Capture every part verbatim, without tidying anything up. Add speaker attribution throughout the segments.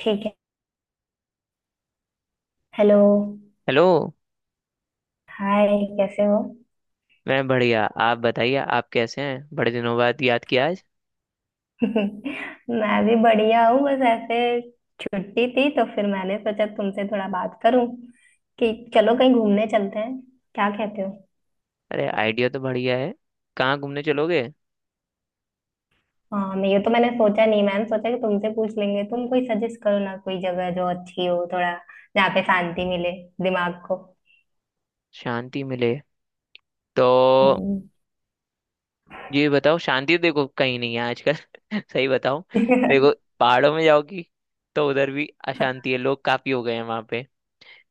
Speaker 1: ठीक है। Hello.
Speaker 2: Hello.
Speaker 1: Hi. कैसे हो?
Speaker 2: मैं बढ़िया, आप बताइए, आप कैसे हैं? बड़े दिनों बाद याद किया आज।
Speaker 1: मैं भी बढ़िया हूँ। बस ऐसे छुट्टी थी, तो फिर मैंने सोचा तुमसे थोड़ा बात करूं कि चलो कहीं घूमने चलते हैं। क्या कहते हो?
Speaker 2: अरे आइडिया तो बढ़िया है। कहाँ घूमने चलोगे?
Speaker 1: हाँ, मैं, ये तो मैंने सोचा नहीं। मैंने सोचा कि तुमसे पूछ लेंगे। तुम कोई सजेस्ट करो ना, कोई जगह जो अच्छी हो, थोड़ा जहाँ पे शांति मिले दिमाग को।
Speaker 2: शांति मिले तो
Speaker 1: हम्म।
Speaker 2: ये बताओ, शांति तो देखो कहीं नहीं है आजकल सही बताओ। देखो, पहाड़ों में जाओगी तो उधर भी अशांति है, लोग काफी हो गए हैं वहाँ पे।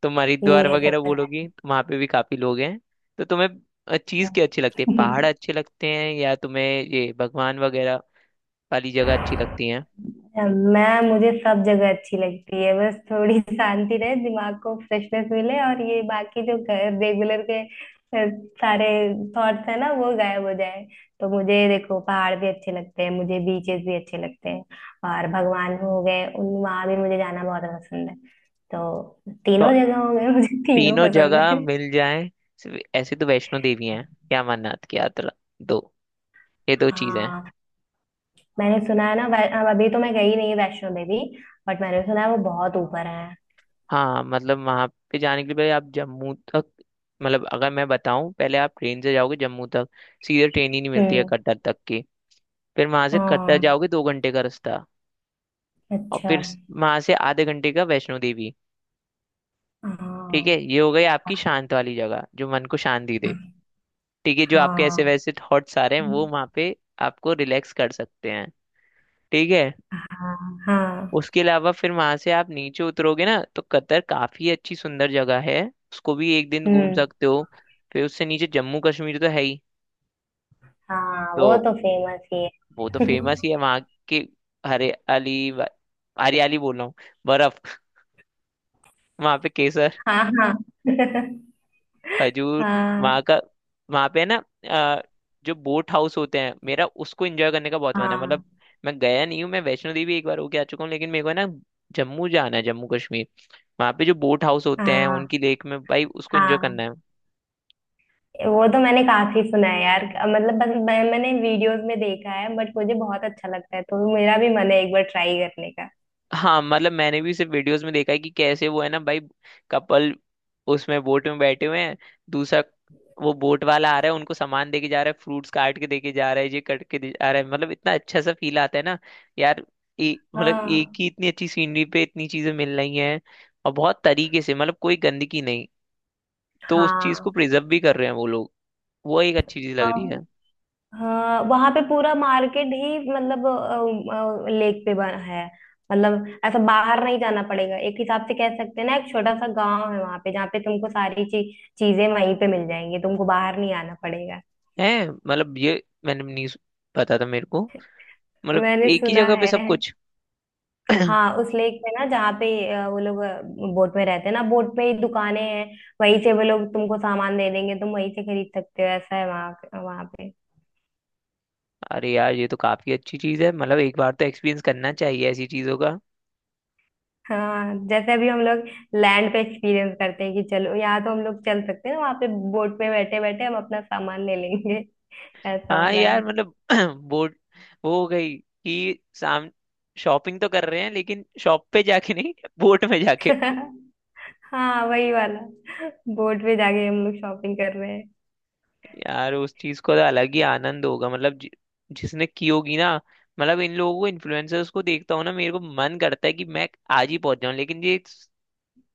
Speaker 2: तुम हरिद्वार
Speaker 1: ये तो
Speaker 2: वगैरह बोलोगी तो वहाँ पे भी काफी लोग हैं। तो तुम्हें चीज क्या अच्छी लगती
Speaker 1: है।
Speaker 2: है, पहाड़ अच्छे लगते हैं या तुम्हें ये भगवान वगैरह वाली जगह अच्छी लगती है?
Speaker 1: मैं, मुझे सब जगह अच्छी लगती है। बस थोड़ी शांति रहे, दिमाग को फ्रेशनेस मिले, और ये बाकी जो रेगुलर के अ, सारे थॉट्स है ना, वो गायब हो जाए। तो मुझे देखो, पहाड़ भी अच्छे लगते हैं, मुझे बीचेस भी अच्छे लगते हैं, और भगवान हो गए उन, वहां भी मुझे जाना बहुत पसंद है। तो तीनों जगह हो गए मुझे। तीनों
Speaker 2: तीनों
Speaker 1: पसंद
Speaker 2: जगह
Speaker 1: है।
Speaker 2: मिल जाए, सिर्फ ऐसे तो वैष्णो देवी हैं या अमरनाथ की यात्रा। दो, ये दो चीजें हैं।
Speaker 1: हाँ, मैंने सुना है ना। वै- अब अभी तो मैं गई नहीं वैष्णो देवी, बट मैंने सुना है वो बहुत ऊपर है।
Speaker 2: हाँ मतलब वहां पे जाने के लिए पहले आप जम्मू तक, मतलब अगर मैं बताऊं, पहले आप ट्रेन से जाओगे जम्मू तक। सीधे ट्रेन ही नहीं मिलती है
Speaker 1: हम्म।
Speaker 2: कटरा तक की। फिर वहां से कटरा
Speaker 1: हाँ।
Speaker 2: जाओगे, दो घंटे का रास्ता। और
Speaker 1: अच्छा।
Speaker 2: फिर वहां से आधे घंटे का वैष्णो देवी। ठीक है,
Speaker 1: हाँ
Speaker 2: ये हो गई आपकी
Speaker 1: हाँ।
Speaker 2: शांत वाली जगह जो मन को शांति दे। ठीक है, जो आपके ऐसे वैसे थॉट्स आ रहे हैं वो वहां पे आपको रिलैक्स कर सकते हैं। ठीक है।
Speaker 1: हाँ हाँ।
Speaker 2: उसके अलावा फिर वहां से आप नीचे उतरोगे ना तो कतर काफी अच्छी सुंदर जगह है, उसको भी एक दिन घूम
Speaker 1: हम्म।
Speaker 2: सकते हो। फिर उससे नीचे जम्मू कश्मीर तो है ही।
Speaker 1: हाँ, वो
Speaker 2: तो
Speaker 1: तो फेमस ही
Speaker 2: वो तो
Speaker 1: है।
Speaker 2: फेमस ही है वहाँ के हरियाली व- हरियाली बोल रहा हूँ, बर्फ वहाँ पे केसर,
Speaker 1: हाँ हाँ।
Speaker 2: खजूर वहाँ
Speaker 1: हाँ
Speaker 2: का। वहाँ पे है ना अ, जो बोट हाउस होते हैं, मेरा उसको एंजॉय करने का बहुत मन है। मतलब
Speaker 1: हाँ।
Speaker 2: मैं गया नहीं हूँ, मैं वैष्णो देवी एक बार होके आ चुका हूँ, लेकिन मेरे को है ना जम्मू जाना है, जम्मू कश्मीर। वहां पे जो बोट हाउस होते हैं
Speaker 1: हाँ
Speaker 2: उनकी लेक में भाई, उसको एंजॉय
Speaker 1: हाँ,
Speaker 2: करना है।
Speaker 1: वो तो मैंने काफी सुना है यार। मतलब बस मैं, मैंने वीडियोस में देखा है, बट मुझे बहुत अच्छा लगता है, तो मेरा भी मन है एक बार ट्राई करने का।
Speaker 2: हाँ मतलब मैंने भी सिर्फ वीडियोस में देखा है कि कैसे वो है ना भाई, कपल उसमें बोट में बैठे हुए हैं, दूसरा वो बोट वाला आ रहा है, उनको सामान देके जा रहा है, फ्रूट्स काट के देके जा रहा है, ये कट के दे जा रहा है। मतलब इतना अच्छा सा फील आता है ना यार। ए, मतलब एक
Speaker 1: हाँ
Speaker 2: ही इतनी अच्छी सीनरी पे इतनी चीजें मिल रही हैं और बहुत तरीके से, मतलब कोई गंदगी नहीं। तो उस चीज
Speaker 1: हाँ।
Speaker 2: को प्रिजर्व भी कर रहे हैं वो लोग, वो एक अच्छी चीज लग
Speaker 1: हाँ।
Speaker 2: रही है।
Speaker 1: हाँ, वहां पे पूरा मार्केट ही, मतलब लेक पे बना है। मतलब ऐसा बाहर नहीं जाना पड़ेगा। एक हिसाब से कह सकते हैं ना, एक छोटा सा गांव है वहां पे जहाँ पे तुमको सारी ची, चीजें वहीं पे मिल जाएंगी, तुमको बाहर नहीं आना पड़ेगा।
Speaker 2: है मतलब ये मैंने नहीं सु- पता था मेरे को, मतलब
Speaker 1: मैंने
Speaker 2: एक ही
Speaker 1: सुना
Speaker 2: जगह पे
Speaker 1: है।
Speaker 2: सब कुछ।
Speaker 1: हाँ, उस लेक पे ना, जहाँ पे अ, वो लोग बोट में रहते हैं ना, बोट पे ही दुकानें हैं, वहीं से वो लोग तुमको सामान दे देंगे, तुम वहीं से खरीद सकते हो। ऐसा है वहां वहां पे।
Speaker 2: अरे यार ये तो काफी अच्छी चीज है, मतलब एक बार तो एक्सपीरियंस करना चाहिए ऐसी चीजों का।
Speaker 1: हाँ, जैसे अभी हम लोग लैंड पे एक्सपीरियंस करते हैं कि चलो यहाँ तो हम लोग चल सकते हैं ना, वहां पे बोट पे बैठे बैठे हम अपना सामान ले लेंगे। ऐसा
Speaker 2: हाँ
Speaker 1: वाला है।
Speaker 2: यार मतलब बोर्ड वो हो गई कि साम शॉपिंग तो कर रहे हैं लेकिन शॉप पे जाके नहीं, बोट में जाके।
Speaker 1: हाँ, वही वाला। बोट पे जाके हम लोग शॉपिंग कर रहे हैं।
Speaker 2: यार उस चीज को तो अलग ही आनंद होगा, मतलब जि, जिसने की होगी ना। मतलब इन लोगों को इन्फ्लुएंसर्स को देखता हूँ ना, मेरे को मन करता है कि मैं आज ही पहुंच जाऊं, लेकिन ये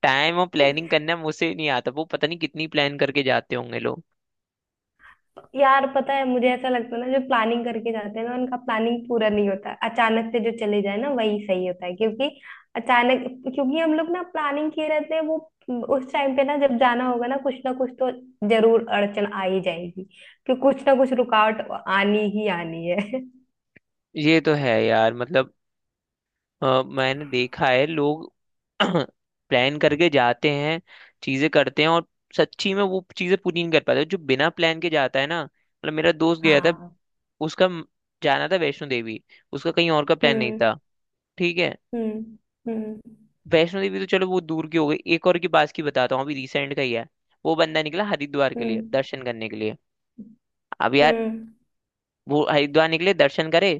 Speaker 2: टाइम और प्लानिंग करना मुझसे नहीं आता। वो पता नहीं कितनी प्लान करके जाते होंगे लोग।
Speaker 1: यार, पता है मुझे ऐसा लगता है ना, जो प्लानिंग करके जाते हैं ना, उनका प्लानिंग पूरा नहीं होता। अचानक से जो चले जाए ना, वही सही होता है। क्योंकि अचानक, क्योंकि हम लोग ना प्लानिंग किए रहते हैं, वो उस टाइम पे ना जब जाना होगा ना, कुछ ना कुछ तो जरूर अड़चन आ ही जाएगी, कि कुछ ना कुछ रुकावट आनी ही आनी है।
Speaker 2: ये तो है यार, मतलब अ, मैंने देखा है लोग प्लान करके जाते हैं, चीजें करते हैं और सच्ची में वो चीजें पूरी नहीं कर पाते, जो बिना प्लान के जाता है ना। मतलब मेरा दोस्त गया था,
Speaker 1: हाँ।
Speaker 2: उसका म- जाना था वैष्णो देवी, उसका कहीं और का प्लान नहीं
Speaker 1: हम्म।
Speaker 2: था। ठीक है,
Speaker 1: हम्म। हम्म।
Speaker 2: वैष्णो देवी तो चलो वो दूर की हो गई, एक और की पास की बताता हूँ, अभी रिसेंट का ही है। वो बंदा निकला हरिद्वार के लिए
Speaker 1: हम्म।
Speaker 2: दर्शन करने के लिए। अब यार
Speaker 1: हम्म।
Speaker 2: वो हरिद्वार निकले, दर्शन करे,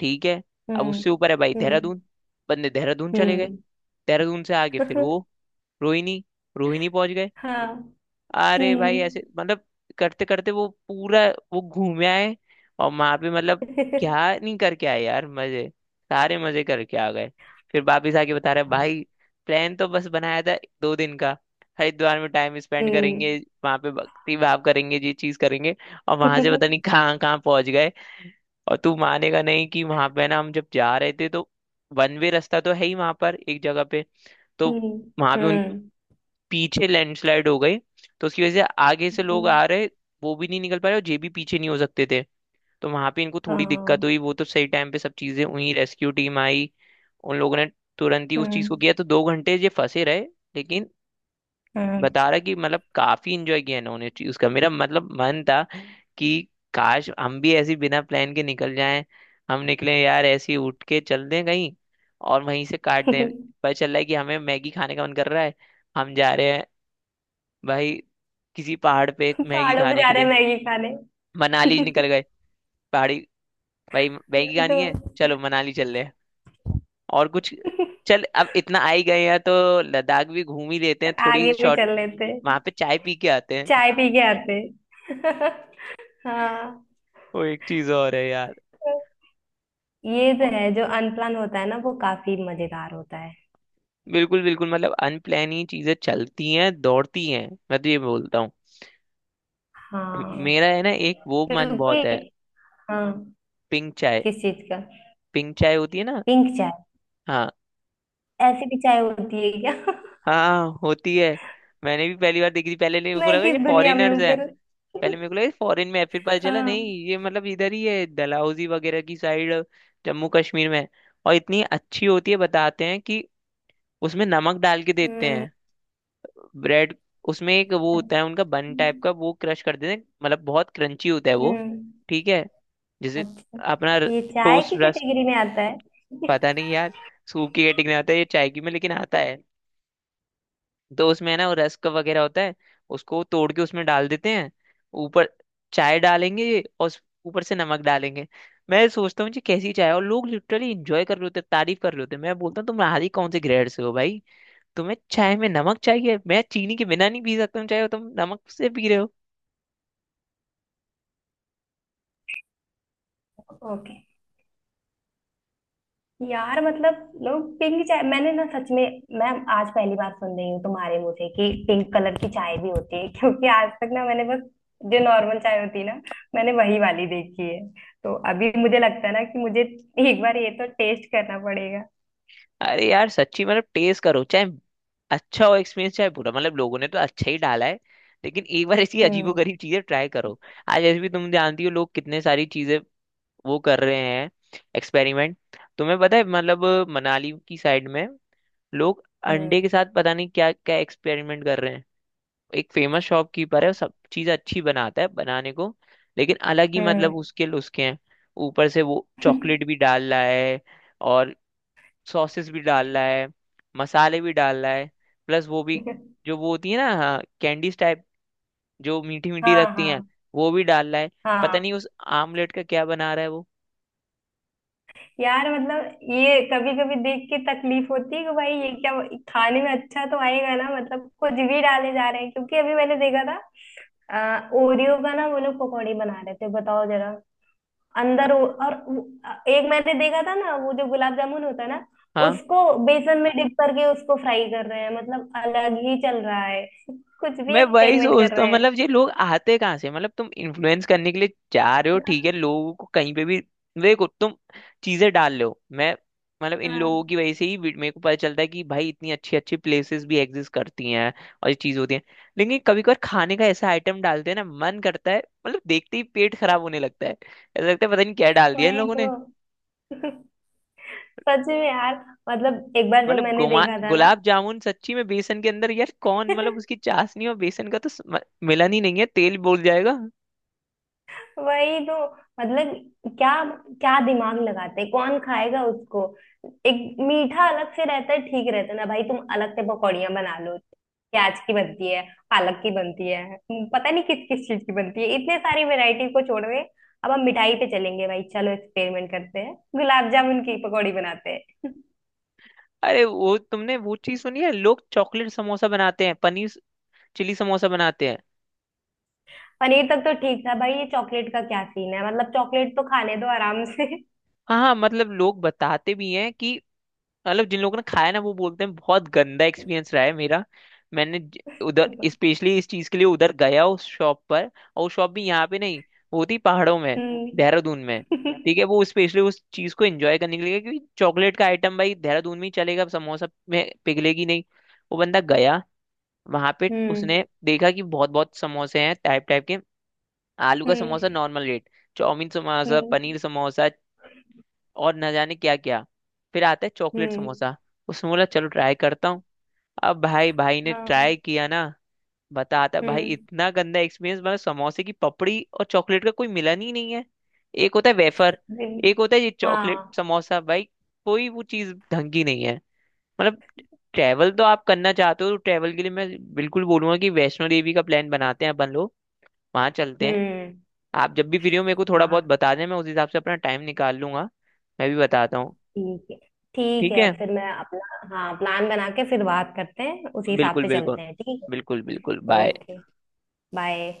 Speaker 2: ठीक है। अब
Speaker 1: हम्म।
Speaker 2: उससे ऊपर है भाई
Speaker 1: हम्म।
Speaker 2: देहरादून, बंदे देहरादून चले गए।
Speaker 1: हम्म।
Speaker 2: देहरादून से आगे फिर वो रोहिणी, रोहिणी पहुंच गए।
Speaker 1: हाँ।
Speaker 2: अरे भाई ऐसे
Speaker 1: हम्म।
Speaker 2: मतलब करते करते वो पूरा वो घूमे आए। और वहां पे मतलब क्या नहीं करके आए यार, मजे सारे मजे करके आ गए। फिर वापिस आके बता रहे भाई, प्लान तो बस बनाया था दो दिन का, हरिद्वार में टाइम स्पेंड
Speaker 1: हम्म।
Speaker 2: करेंगे, वहां पे भक्ति भाव करेंगे, ये चीज करेंगे, और वहां से पता नहीं कहाँ कहाँ पहुंच गए। और तू मानेगा नहीं कि वहां पे ना हम जब जा रहे थे तो वन वे रास्ता तो है ही वहां पर एक जगह पे, तो
Speaker 1: हम्म।
Speaker 2: वहां पे
Speaker 1: हम्म।
Speaker 2: पीछे लैंडस्लाइड हो गई। तो उसकी वजह से आगे से लोग
Speaker 1: हम्म।
Speaker 2: आ रहे, वो भी नहीं निकल पा रहे और ये भी पीछे नहीं हो सकते थे। तो वहां पे इनको थोड़ी दिक्कत
Speaker 1: हाँ।
Speaker 2: हुई, वो तो सही टाइम पे सब चीजें हुई, रेस्क्यू टीम आई, उन लोगों ने तुरंत ही उस चीज को
Speaker 1: हम्म।
Speaker 2: किया। तो दो घंटे ये फंसे रहे लेकिन
Speaker 1: हाँ।
Speaker 2: बता रहा कि मतलब काफी इंजॉय किया इन्होंने चीज का। मेरा मतलब मन था कि काश हम भी ऐसे ही बिना प्लान के निकल जाएं। हम निकले यार ऐसे ही उठ के चल दें कहीं, और वहीं से काट दें, पता चल रहा है कि हमें मैगी खाने का मन कर रहा है, हम जा रहे हैं भाई किसी पहाड़ पे मैगी
Speaker 1: पहाड़ों पे
Speaker 2: खाने
Speaker 1: जा, हाँ,
Speaker 2: के
Speaker 1: रहे हैं
Speaker 2: लिए,
Speaker 1: मैगी खाने।
Speaker 2: मनाली निकल गए। पहाड़ी भाई मैगी
Speaker 1: वही तो।
Speaker 2: खानी है, चलो मनाली चल रहे हैं। और कुछ चल, अब इतना आ ही गए हैं तो लद्दाख भी घूम ही लेते हैं, थोड़ी
Speaker 1: आगे भी
Speaker 2: शॉर्ट,
Speaker 1: चल लेते।
Speaker 2: वहां पे चाय पी के आते हैं।
Speaker 1: चाय पी के आते। हाँ,
Speaker 2: वो एक चीज और है यार।
Speaker 1: ये तो
Speaker 2: और-
Speaker 1: है, जो अनप्लान होता है ना, वो काफी मजेदार होता है।
Speaker 2: बिल्कुल बिल्कुल, मतलब अनप्लान ही चीजें चलती हैं, दौड़ती हैं, मैं तो ये बोलता हूँ।
Speaker 1: हाँ।
Speaker 2: मेरा है ना एक वो मन बहुत
Speaker 1: क्योंकि,
Speaker 2: है,
Speaker 1: हाँ,
Speaker 2: पिंक चाय।
Speaker 1: किस चीज का?
Speaker 2: पिंक चाय होती है ना।
Speaker 1: पिंक चाय?
Speaker 2: हाँ
Speaker 1: ऐसी भी चाय होती है क्या?
Speaker 2: हाँ, होती है। मैंने भी पहली बार देखी थी, पहले नहीं, मेरे को
Speaker 1: मैं
Speaker 2: लगा
Speaker 1: किस
Speaker 2: ये
Speaker 1: दुनिया में
Speaker 2: फॉरेनर्स
Speaker 1: हूँ
Speaker 2: है।
Speaker 1: फिर।
Speaker 2: पहले मेरे को लगा फॉरेन में है, फिर पता चला नहीं,
Speaker 1: हाँ।
Speaker 2: ये मतलब इधर ही है, डलहौजी वगैरह की साइड, जम्मू कश्मीर में है। और इतनी अच्छी होती है, बताते हैं कि उसमें नमक डाल के देते
Speaker 1: हम्म।
Speaker 2: हैं। ब्रेड उसमें, एक वो होता है
Speaker 1: अच्छा।
Speaker 2: उनका बन टाइप का, वो क्रश कर देते हैं, मतलब बहुत क्रंची होता है वो।
Speaker 1: हम्म।
Speaker 2: ठीक है, जैसे
Speaker 1: अच्छा,
Speaker 2: अपना
Speaker 1: ये चाय
Speaker 2: टोस्ट
Speaker 1: की
Speaker 2: रस्क।
Speaker 1: कैटेगरी में आता है?
Speaker 2: पता नहीं यार, सूप की कैटेगरी में आता है ये चाय की में, लेकिन आता है। तो उसमें है ना वो रस्क वगैरह होता है, उसको तोड़ के उसमें डाल देते हैं, ऊपर चाय डालेंगे और उस- ऊपर से नमक डालेंगे। मैं सोचता हूँ जी कैसी चाय है, और लोग लिटरली इंजॉय कर रहे होते हैं, तारीफ कर रहे होते हैं। मैं बोलता हूँ तुम नहारी कौन से ग्रेड से हो भाई, तुम्हें चाय में नमक चाहिए? मैं चीनी के बिना नहीं पी सकता हूँ चाय और तुम नमक से पी रहे हो।
Speaker 1: ओके। यार मतलब लोग, पिंक चाय मैंने ना सच में, मैं आज पहली बार सुन रही हूँ तुम्हारे मुंह से, कि पिंक कलर की चाय भी होती है। क्योंकि आज तक ना मैंने बस जो नॉर्मल चाय होती है ना, मैंने वही वाली देखी है। तो अभी मुझे लगता है ना कि मुझे एक बार ये तो टेस्ट करना पड़ेगा।
Speaker 2: अरे यार सच्ची मतलब टेस्ट करो, चाहे अच्छा हो एक्सपीरियंस चाहे बुरा, मतलब लोगों ने तो अच्छा ही डाला है, लेकिन एक बार ऐसी
Speaker 1: हम्म।
Speaker 2: अजीबोगरीब चीजें ट्राई करो। आज ऐसे भी तुम जानती हो लोग कितने सारी चीजें वो कर रहे हैं, एक्सपेरिमेंट। तुम्हें पता है मतलब मनाली की साइड में लोग अंडे के
Speaker 1: हम्म।
Speaker 2: साथ पता नहीं क्या क्या एक्सपेरिमेंट कर रहे हैं। एक फेमस शॉपकीपर है, वो सब चीज़ अच्छी बनाता है बनाने को, लेकिन अलग ही
Speaker 1: हम्म।
Speaker 2: मतलब उसके उसके हैं। ऊपर से वो चॉकलेट भी डाल रहा है, और सॉसेस भी डाल रहा है, मसाले भी डाल रहा है, प्लस वो भी जो वो होती है ना, हाँ कैंडीज टाइप, जो मीठी मीठी
Speaker 1: हाँ।
Speaker 2: लगती हैं,
Speaker 1: हाँ।
Speaker 2: वो भी डाल रहा है। पता नहीं
Speaker 1: हाँ
Speaker 2: उस आमलेट का क्या बना रहा है वो।
Speaker 1: यार, मतलब ये कभी कभी देख के तकलीफ होती है कि भाई ये क्या, खाने में अच्छा तो आएगा ना, मतलब कुछ भी डाले जा रहे हैं। क्योंकि अभी मैंने देखा था, आ, ओरियो का ना वो लोग पकौड़ी बना रहे थे, बताओ जरा। अंदर ओ, और वो- अ, एक मैंने देखा था ना, वो जो गुलाब जामुन होता है ना,
Speaker 2: हाँ
Speaker 1: उसको बेसन में डिप करके उसको फ्राई कर रहे हैं। मतलब अलग ही चल रहा है। कुछ भी
Speaker 2: मैं वही
Speaker 1: एक्सपेरिमेंट कर
Speaker 2: सोचता
Speaker 1: रहे
Speaker 2: हूँ,
Speaker 1: हैं।
Speaker 2: मतलब ये लोग आते कहाँ से, मतलब तुम इन्फ्लुएंस करने के लिए जा रहे हो ठीक है, लोगों को कहीं पे भी देखो तुम चीजें डाल रहे हो। मैं मतलब इन लोगों
Speaker 1: हाँ,
Speaker 2: की वजह से ही वी- मेरे को पता चलता है कि भाई इतनी अच्छी अच्छी प्लेसेस भी एग्जिस्ट करती हैं और ये चीज होती है। लेकिन कभी कभार खाने का ऐसा आइटम डालते हैं ना, मन करता है, मतलब देखते ही पेट खराब होने लगता है, ऐसा लगता है पता नहीं क्या डाल दिया इन
Speaker 1: वही
Speaker 2: लोगों ने।
Speaker 1: तो। सच में यार। मतलब एक बार जब
Speaker 2: मतलब
Speaker 1: मैंने
Speaker 2: गुमा
Speaker 1: देखा था ना,
Speaker 2: गुलाब जामुन सच्ची में बेसन के अंदर यार, कौन, मतलब उसकी चाशनी और बेसन का तो स्म- मिलन ही नहीं है, तेल बोल जाएगा।
Speaker 1: वही तो, मतलब क्या, क्या दिमाग लगाते हैं, कौन खाएगा उसको। एक मीठा अलग से रहता है, ठीक रहता है ना भाई, तुम अलग से पकौड़ियाँ बना लो। प्याज की बनती है, पालक की बनती है, पता नहीं किस किस चीज की बनती है, इतने सारी वैरायटी को छोड़ में अब हम मिठाई पे चलेंगे। भाई चलो, एक्सपेरिमेंट करते हैं, गुलाब जामुन की पकौड़ी बनाते हैं।
Speaker 2: अरे वो तुमने वो चीज सुनी है लोग चॉकलेट समोसा बनाते हैं, पनीर चिली समोसा बनाते हैं।
Speaker 1: पनीर तक तो ठीक था भाई, ये चॉकलेट का क्या सीन है? मतलब चॉकलेट तो खाने दो आराम से।
Speaker 2: हाँ हाँ, मतलब लोग बताते भी हैं कि मतलब जिन लोगों ने खाया ना वो बोलते हैं बहुत गंदा एक्सपीरियंस रहा है मेरा। मैंने ज- उधर स्पेशली इस चीज के लिए उधर गया उस शॉप पर, और वो शॉप भी यहाँ पे नहीं, वो थी पहाड़ों में,
Speaker 1: हम्म।
Speaker 2: देहरादून में। ठीक है, वो स्पेशली उस चीज को एंजॉय करने के लिए, क्योंकि चॉकलेट का आइटम भाई देहरादून में ही चलेगा, समोसा में पिघलेगी नहीं। वो बंदा गया वहां पे,
Speaker 1: हम्म।
Speaker 2: उसने देखा कि बहुत बहुत समोसे हैं टाइप टाइप के। आलू का
Speaker 1: हम्म।
Speaker 2: Samosa normal rate, chow mein samosa,
Speaker 1: हम्म।
Speaker 2: पनीर समोसा, और न जाने क्या क्या। फिर आता है चॉकलेट
Speaker 1: हम्म।
Speaker 2: समोसा। उसने बोला चलो ट्राई करता हूँ। अब भाई, भाई ने ट्राई
Speaker 1: हाँ।
Speaker 2: किया ना, बताता भाई
Speaker 1: हम्म।
Speaker 2: इतना गंदा एक्सपीरियंस, मतलब समोसे की पपड़ी और चॉकलेट का कोई मिलन ही नहीं है। एक होता है वेफर,
Speaker 1: नहीं,
Speaker 2: एक होता है ये चॉकलेट
Speaker 1: हाँ।
Speaker 2: समोसा भाई। कोई वो चीज ढंग की नहीं है। मतलब ट्रैवल तो आप करना चाहते हो, तो ट्रैवल के लिए मैं बिल्कुल बोलूंगा कि वैष्णो देवी का प्लान बनाते हैं अपन लोग, वहां चलते हैं।
Speaker 1: हम्म।
Speaker 2: आप जब भी फ्री हो मेरे को थोड़ा बहुत
Speaker 1: हाँ।
Speaker 2: बता दें, मैं उस हिसाब से अपना टाइम निकाल लूंगा। मैं भी बताता हूँ।
Speaker 1: ठीक है। ठीक
Speaker 2: ठीक
Speaker 1: है,
Speaker 2: है,
Speaker 1: फिर मैं अपना, हाँ, प्लान बना के फिर बात करते हैं, उसी हिसाब
Speaker 2: बिल्कुल
Speaker 1: से
Speaker 2: बिल्कुल,
Speaker 1: चलते हैं, ठीक है।
Speaker 2: बिल्कुल बिल्कुल, बाय।
Speaker 1: ओके। बाय।